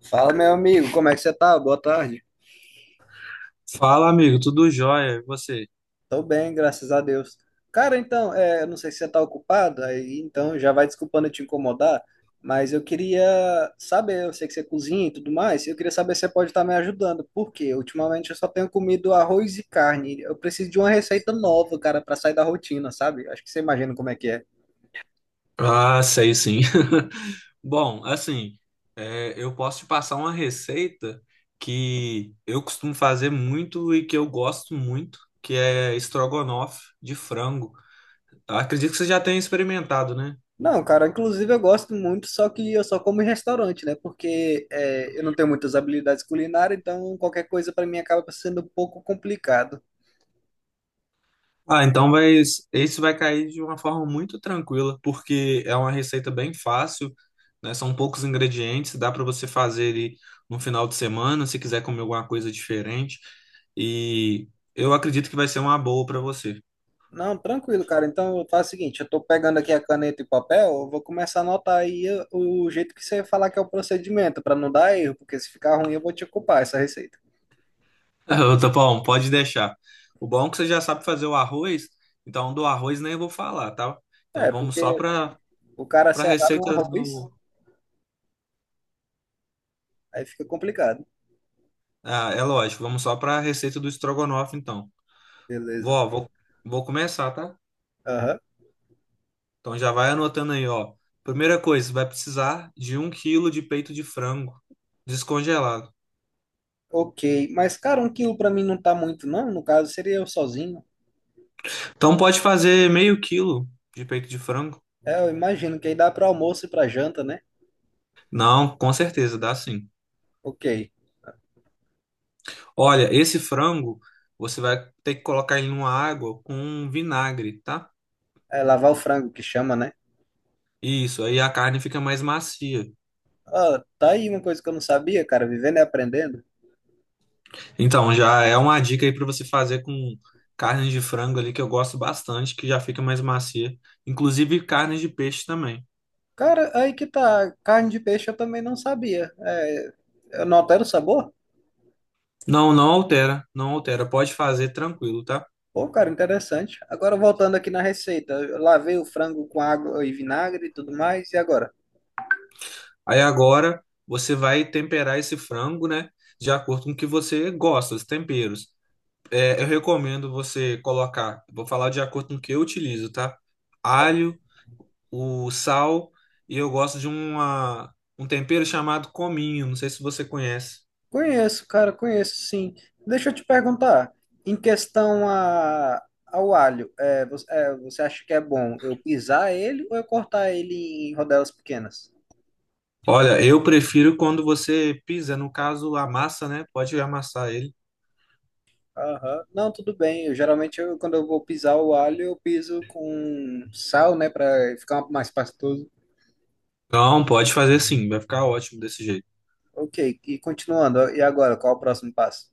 Fala, meu amigo, como é que você tá? Boa tarde. Fala, amigo, tudo jóia? E você? Tô bem, graças a Deus. Cara, então, eu não sei se você tá ocupado, aí então já vai desculpando eu te incomodar, mas eu queria saber, eu sei que você cozinha e tudo mais, eu queria saber se você pode estar me ajudando, porque ultimamente eu só tenho comido arroz e carne. Eu preciso de uma receita nova, cara, pra sair da rotina, sabe? Acho que você imagina como é que é. Ah, sei sim. Bom, assim, eu posso te passar uma receita que eu costumo fazer muito e que eu gosto muito, que é estrogonofe de frango. Acredito que você já tenha experimentado, né? Não, cara, inclusive eu gosto muito, só que eu só como em restaurante, né? Porque eu não tenho muitas habilidades culinárias, então qualquer coisa pra mim acaba sendo um pouco complicado. Ah, então vai, isso vai cair de uma forma muito tranquila, porque é uma receita bem fácil, né? São poucos ingredientes, dá para você fazer ele no final de semana, se quiser comer alguma coisa diferente. E eu acredito que vai ser uma boa para você. Não, tranquilo, cara. Então eu faço o seguinte, eu tô pegando aqui a caneta e papel, eu vou começar a anotar aí o jeito que você falar que é o procedimento, pra não dar erro, porque se ficar ruim eu vou te culpar essa receita. Ô, Tapão, pode deixar. O bom é que você já sabe fazer o arroz, então do arroz nem vou falar, tá? Então É, vamos só porque para o cara para se errar no receitas arroz, do. aí fica complicado. Ah, é lógico, vamos só para a receita do estrogonofe, então. Beleza. Vó, vou, vou começar, tá? Aham. Então já vai anotando aí, ó. Primeira coisa, você vai precisar de um quilo de peito de frango descongelado. Ok, mas cara, 1 quilo pra mim não tá muito, não. No caso, seria eu sozinho. Então pode fazer meio quilo de peito de frango? É, eu imagino que aí dá para almoço e para janta, né? Não, com certeza, dá sim. Ok. Olha, esse frango você vai ter que colocar ele numa água com vinagre, tá? É lavar o frango que chama, né? Isso, aí a carne fica mais macia. Ah, tá aí uma coisa que eu não sabia, cara, vivendo e aprendendo. Então já é uma dica aí para você fazer com carne de frango ali que eu gosto bastante, que já fica mais macia. Inclusive carne de peixe também. Cara, aí que tá, carne de peixe eu também não sabia. É, eu não altero o sabor? Não, não altera, não altera. Pode fazer tranquilo, tá? Pô, cara, interessante. Agora voltando aqui na receita, eu lavei o frango com água e vinagre e tudo mais, e agora? Aí agora você vai temperar esse frango, né? De acordo com o que você gosta, os temperos. É, eu recomendo você colocar, vou falar de acordo com o que eu utilizo, tá? Alho, o sal e eu gosto um tempero chamado cominho. Não sei se você conhece. Conheço, cara, conheço, sim. Deixa eu te perguntar, em questão a, ao alho, você acha que é bom eu pisar ele ou eu cortar ele em rodelas pequenas? Olha, eu prefiro quando você pisa, no caso, amassa, né? Pode amassar ele. Aham. Não, tudo bem. Geralmente, quando eu vou pisar o alho, eu piso com sal, né, para ficar mais pastoso. Não, pode fazer sim, vai ficar ótimo desse jeito. Ok, e continuando, e agora, qual o próximo passo?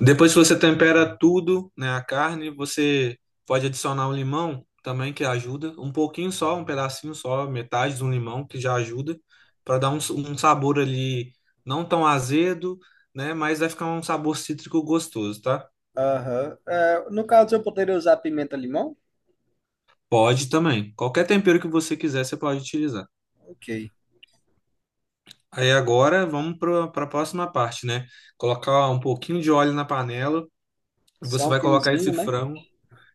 Depois que você tempera tudo, né, a carne, você pode adicionar um limão também que ajuda, um pouquinho só, um pedacinho só, metade de um limão que já ajuda para dar um sabor ali não tão azedo, né, mas vai ficar um sabor cítrico gostoso, tá? Aham. É, no caso, eu poderia usar pimenta-limão? Pode também. Qualquer tempero que você quiser, você pode utilizar. Ok. Aí agora vamos para a próxima parte, né? Colocar um pouquinho de óleo na panela, você Só um vai colocar esse fiozinho, né? frango.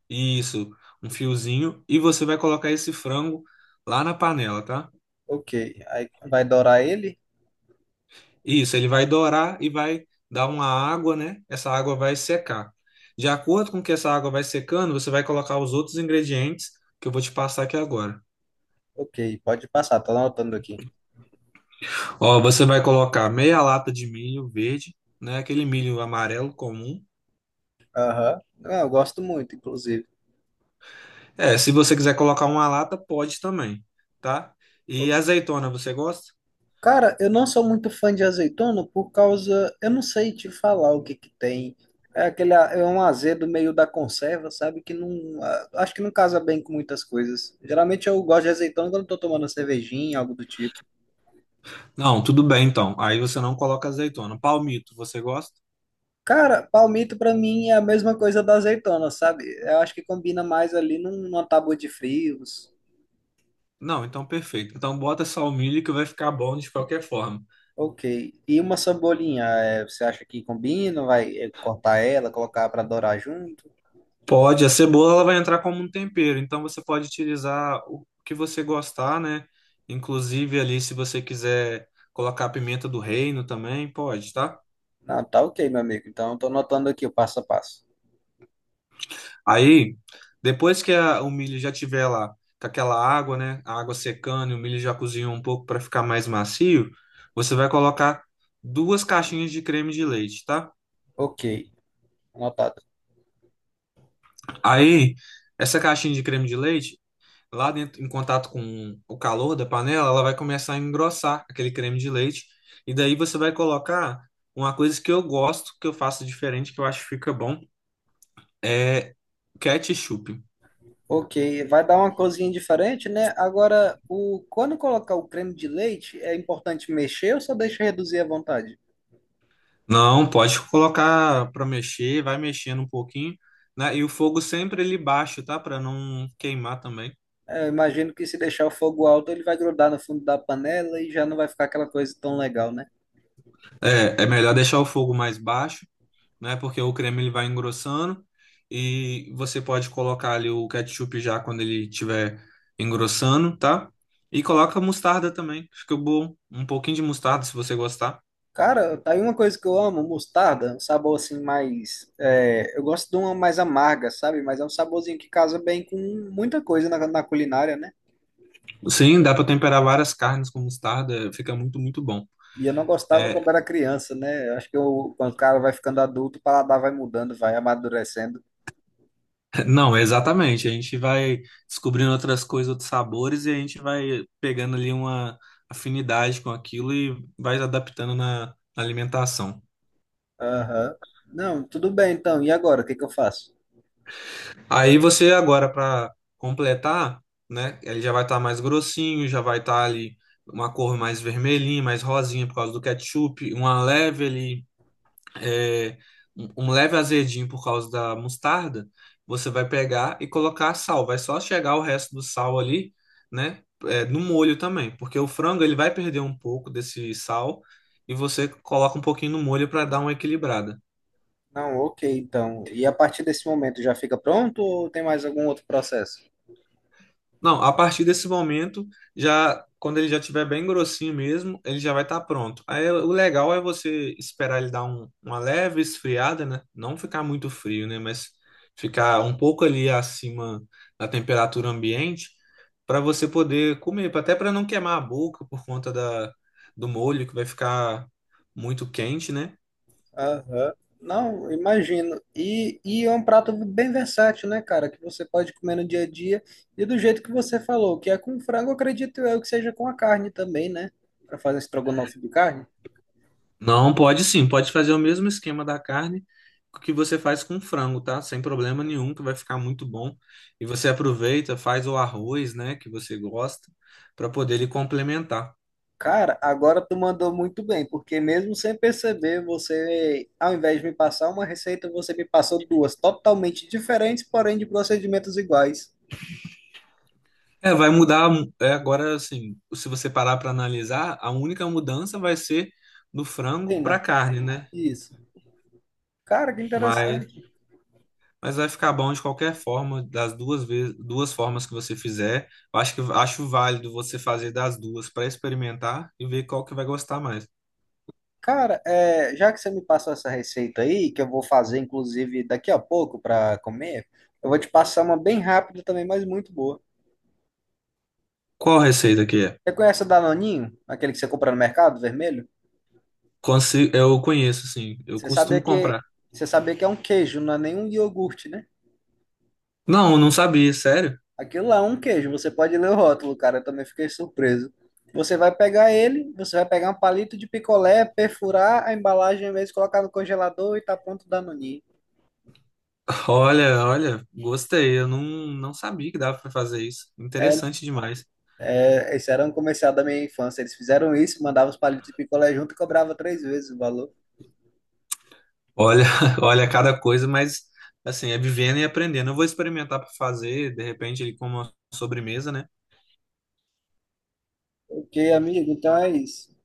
Isso, um fiozinho. E você vai colocar esse frango lá na panela, tá? Ok. Aí vai dourar ele? Isso, ele vai dourar e vai dar uma água, né? Essa água vai secar. De acordo com que essa água vai secando, você vai colocar os outros ingredientes que eu vou te passar aqui agora. Ok, pode passar, tô anotando aqui. Ó, você vai colocar meia lata de milho verde, né? Aquele milho amarelo comum. Aham. Ah, eu gosto muito, inclusive. É, se você quiser colocar uma lata, pode também, tá? Ô, E azeitona, você gosta? cara, eu não sou muito fã de azeitona por causa. Eu não sei te falar o que que tem. É aquele, é um azedo meio da conserva, sabe? Que não. Acho que não casa bem com muitas coisas. Geralmente eu gosto de azeitona quando eu tô tomando uma cervejinha, algo do tipo. Não, tudo bem então. Aí você não coloca azeitona. Palmito, você gosta? Cara, palmito pra mim é a mesma coisa da azeitona, sabe? Eu acho que combina mais ali numa tábua de frios. Não, então perfeito. Então bota só o milho que vai ficar bom de qualquer forma. Ok. E uma cebolinha, é, você acha que combina? Vai é, cortar ela, colocar para dourar junto? Pode, a cebola ela vai entrar como um tempero, então você pode utilizar o que você gostar, né? Inclusive ali se você quiser colocar a pimenta do reino também, pode, tá? Não, tá ok, meu amigo. Então, eu tô anotando aqui o passo a passo. Aí, depois que o milho já tiver lá com aquela água, né? A água secando e o milho já cozinhou um pouco para ficar mais macio, você vai colocar duas caixinhas de creme de leite, tá? Ok, anotado. Aí, essa caixinha de creme de leite lá dentro, em contato com o calor da panela, ela vai começar a engrossar aquele creme de leite. E daí você vai colocar uma coisa que eu gosto, que eu faço diferente, que eu acho que fica bom, é ketchup. Ok, vai dar uma cozinha diferente, né? Agora, quando colocar o creme de leite, é importante mexer ou só deixa reduzir à vontade? Não, pode colocar para mexer, vai mexendo um pouquinho, né? E o fogo sempre ele baixo, tá? Para não queimar também. É, eu imagino que se deixar o fogo alto, ele vai grudar no fundo da panela e já não vai ficar aquela coisa tão legal, né? É, é melhor deixar o fogo mais baixo, né? Porque o creme ele vai engrossando e você pode colocar ali o ketchup já quando ele estiver engrossando, tá? E coloca mostarda também, fica bom. Um pouquinho de mostarda se você gostar. Cara, tá aí uma coisa que eu amo, mostarda, um sabor assim mais. Eu gosto de uma mais amarga, sabe? Mas é um saborzinho que casa bem com muita coisa na culinária, né? Sim, dá para temperar várias carnes com mostarda, fica muito, muito bom. E eu não gostava É, quando era criança, né? Eu acho que quando o cara vai ficando adulto, o paladar vai mudando, vai amadurecendo. não, exatamente. A gente vai descobrindo outras coisas, outros sabores e a gente vai pegando ali uma afinidade com aquilo e vai adaptando na alimentação. Aham. Não, tudo bem então. E agora? O que que eu faço? Aí você agora para completar, né? Ele já vai estar mais grossinho, já vai estar ali uma cor mais vermelhinha, mais rosinha por causa do ketchup, uma leve ali, é, um leve azedinho por causa da mostarda. Você vai pegar e colocar sal. Vai só chegar o resto do sal ali, né? É, no molho também, porque o frango ele vai perder um pouco desse sal e você coloca um pouquinho no molho para dar uma equilibrada. Não, ok, então. E a partir desse momento já fica pronto ou tem mais algum outro processo? Não, a partir desse momento, já quando ele já tiver bem grossinho mesmo, ele já vai estar pronto. Aí o legal é você esperar ele dar uma leve esfriada, né? Não ficar muito frio, né? Mas ficar um pouco ali acima da temperatura ambiente para você poder comer, até para não queimar a boca por conta da, do molho que vai ficar muito quente, né? Aham. Não, imagino. E é um prato bem versátil, né, cara? Que você pode comer no dia a dia. E do jeito que você falou, que é com frango, acredito eu que seja com a carne também, né? Para fazer estrogonofe de carne. Não, pode sim, pode fazer o mesmo esquema da carne que você faz com frango, tá? Sem problema nenhum, que vai ficar muito bom. E você aproveita, faz o arroz, né, que você gosta, para poder ele complementar. Cara, agora tu mandou muito bem, porque mesmo sem perceber, você, ao invés de me passar uma receita, você me passou duas totalmente diferentes, porém de procedimentos iguais. É, vai mudar, é, agora assim, se você parar para analisar, a única mudança vai ser do frango para Pena, carne, né? isso. Cara, que Mas, interessante. mas vai ficar bom de qualquer forma, das duas vezes, duas formas que você fizer. Eu acho que acho válido você fazer das duas para experimentar e ver qual que vai gostar mais. Cara, é, já que você me passou essa receita aí, que eu vou fazer, inclusive, daqui a pouco para comer, eu vou te passar uma bem rápida também, mas muito boa. Qual receita que é? Você conhece o Danoninho? Aquele que você compra no mercado, vermelho? Eu conheço, sim. Eu Você sabia costumo que, comprar. você sabia que é um queijo, não é nenhum iogurte, né? Não, não sabia, sério. Aquilo lá é um queijo, você pode ler o rótulo, cara, eu também fiquei surpreso. Você vai pegar um palito de picolé, perfurar a embalagem mesmo, colocar no congelador e tá pronto o Danoninho. Olha, olha, gostei. Eu não, não sabia que dava pra fazer isso. É, Interessante demais. Esse era um comercial da minha infância. Eles fizeram isso, mandavam os palitos de picolé junto e cobrava 3 vezes o valor. Olha, olha cada coisa, mas assim, é vivendo e aprendendo. Eu vou experimentar pra fazer, de repente, ele como uma sobremesa, né? Ok, amigo, então é isso.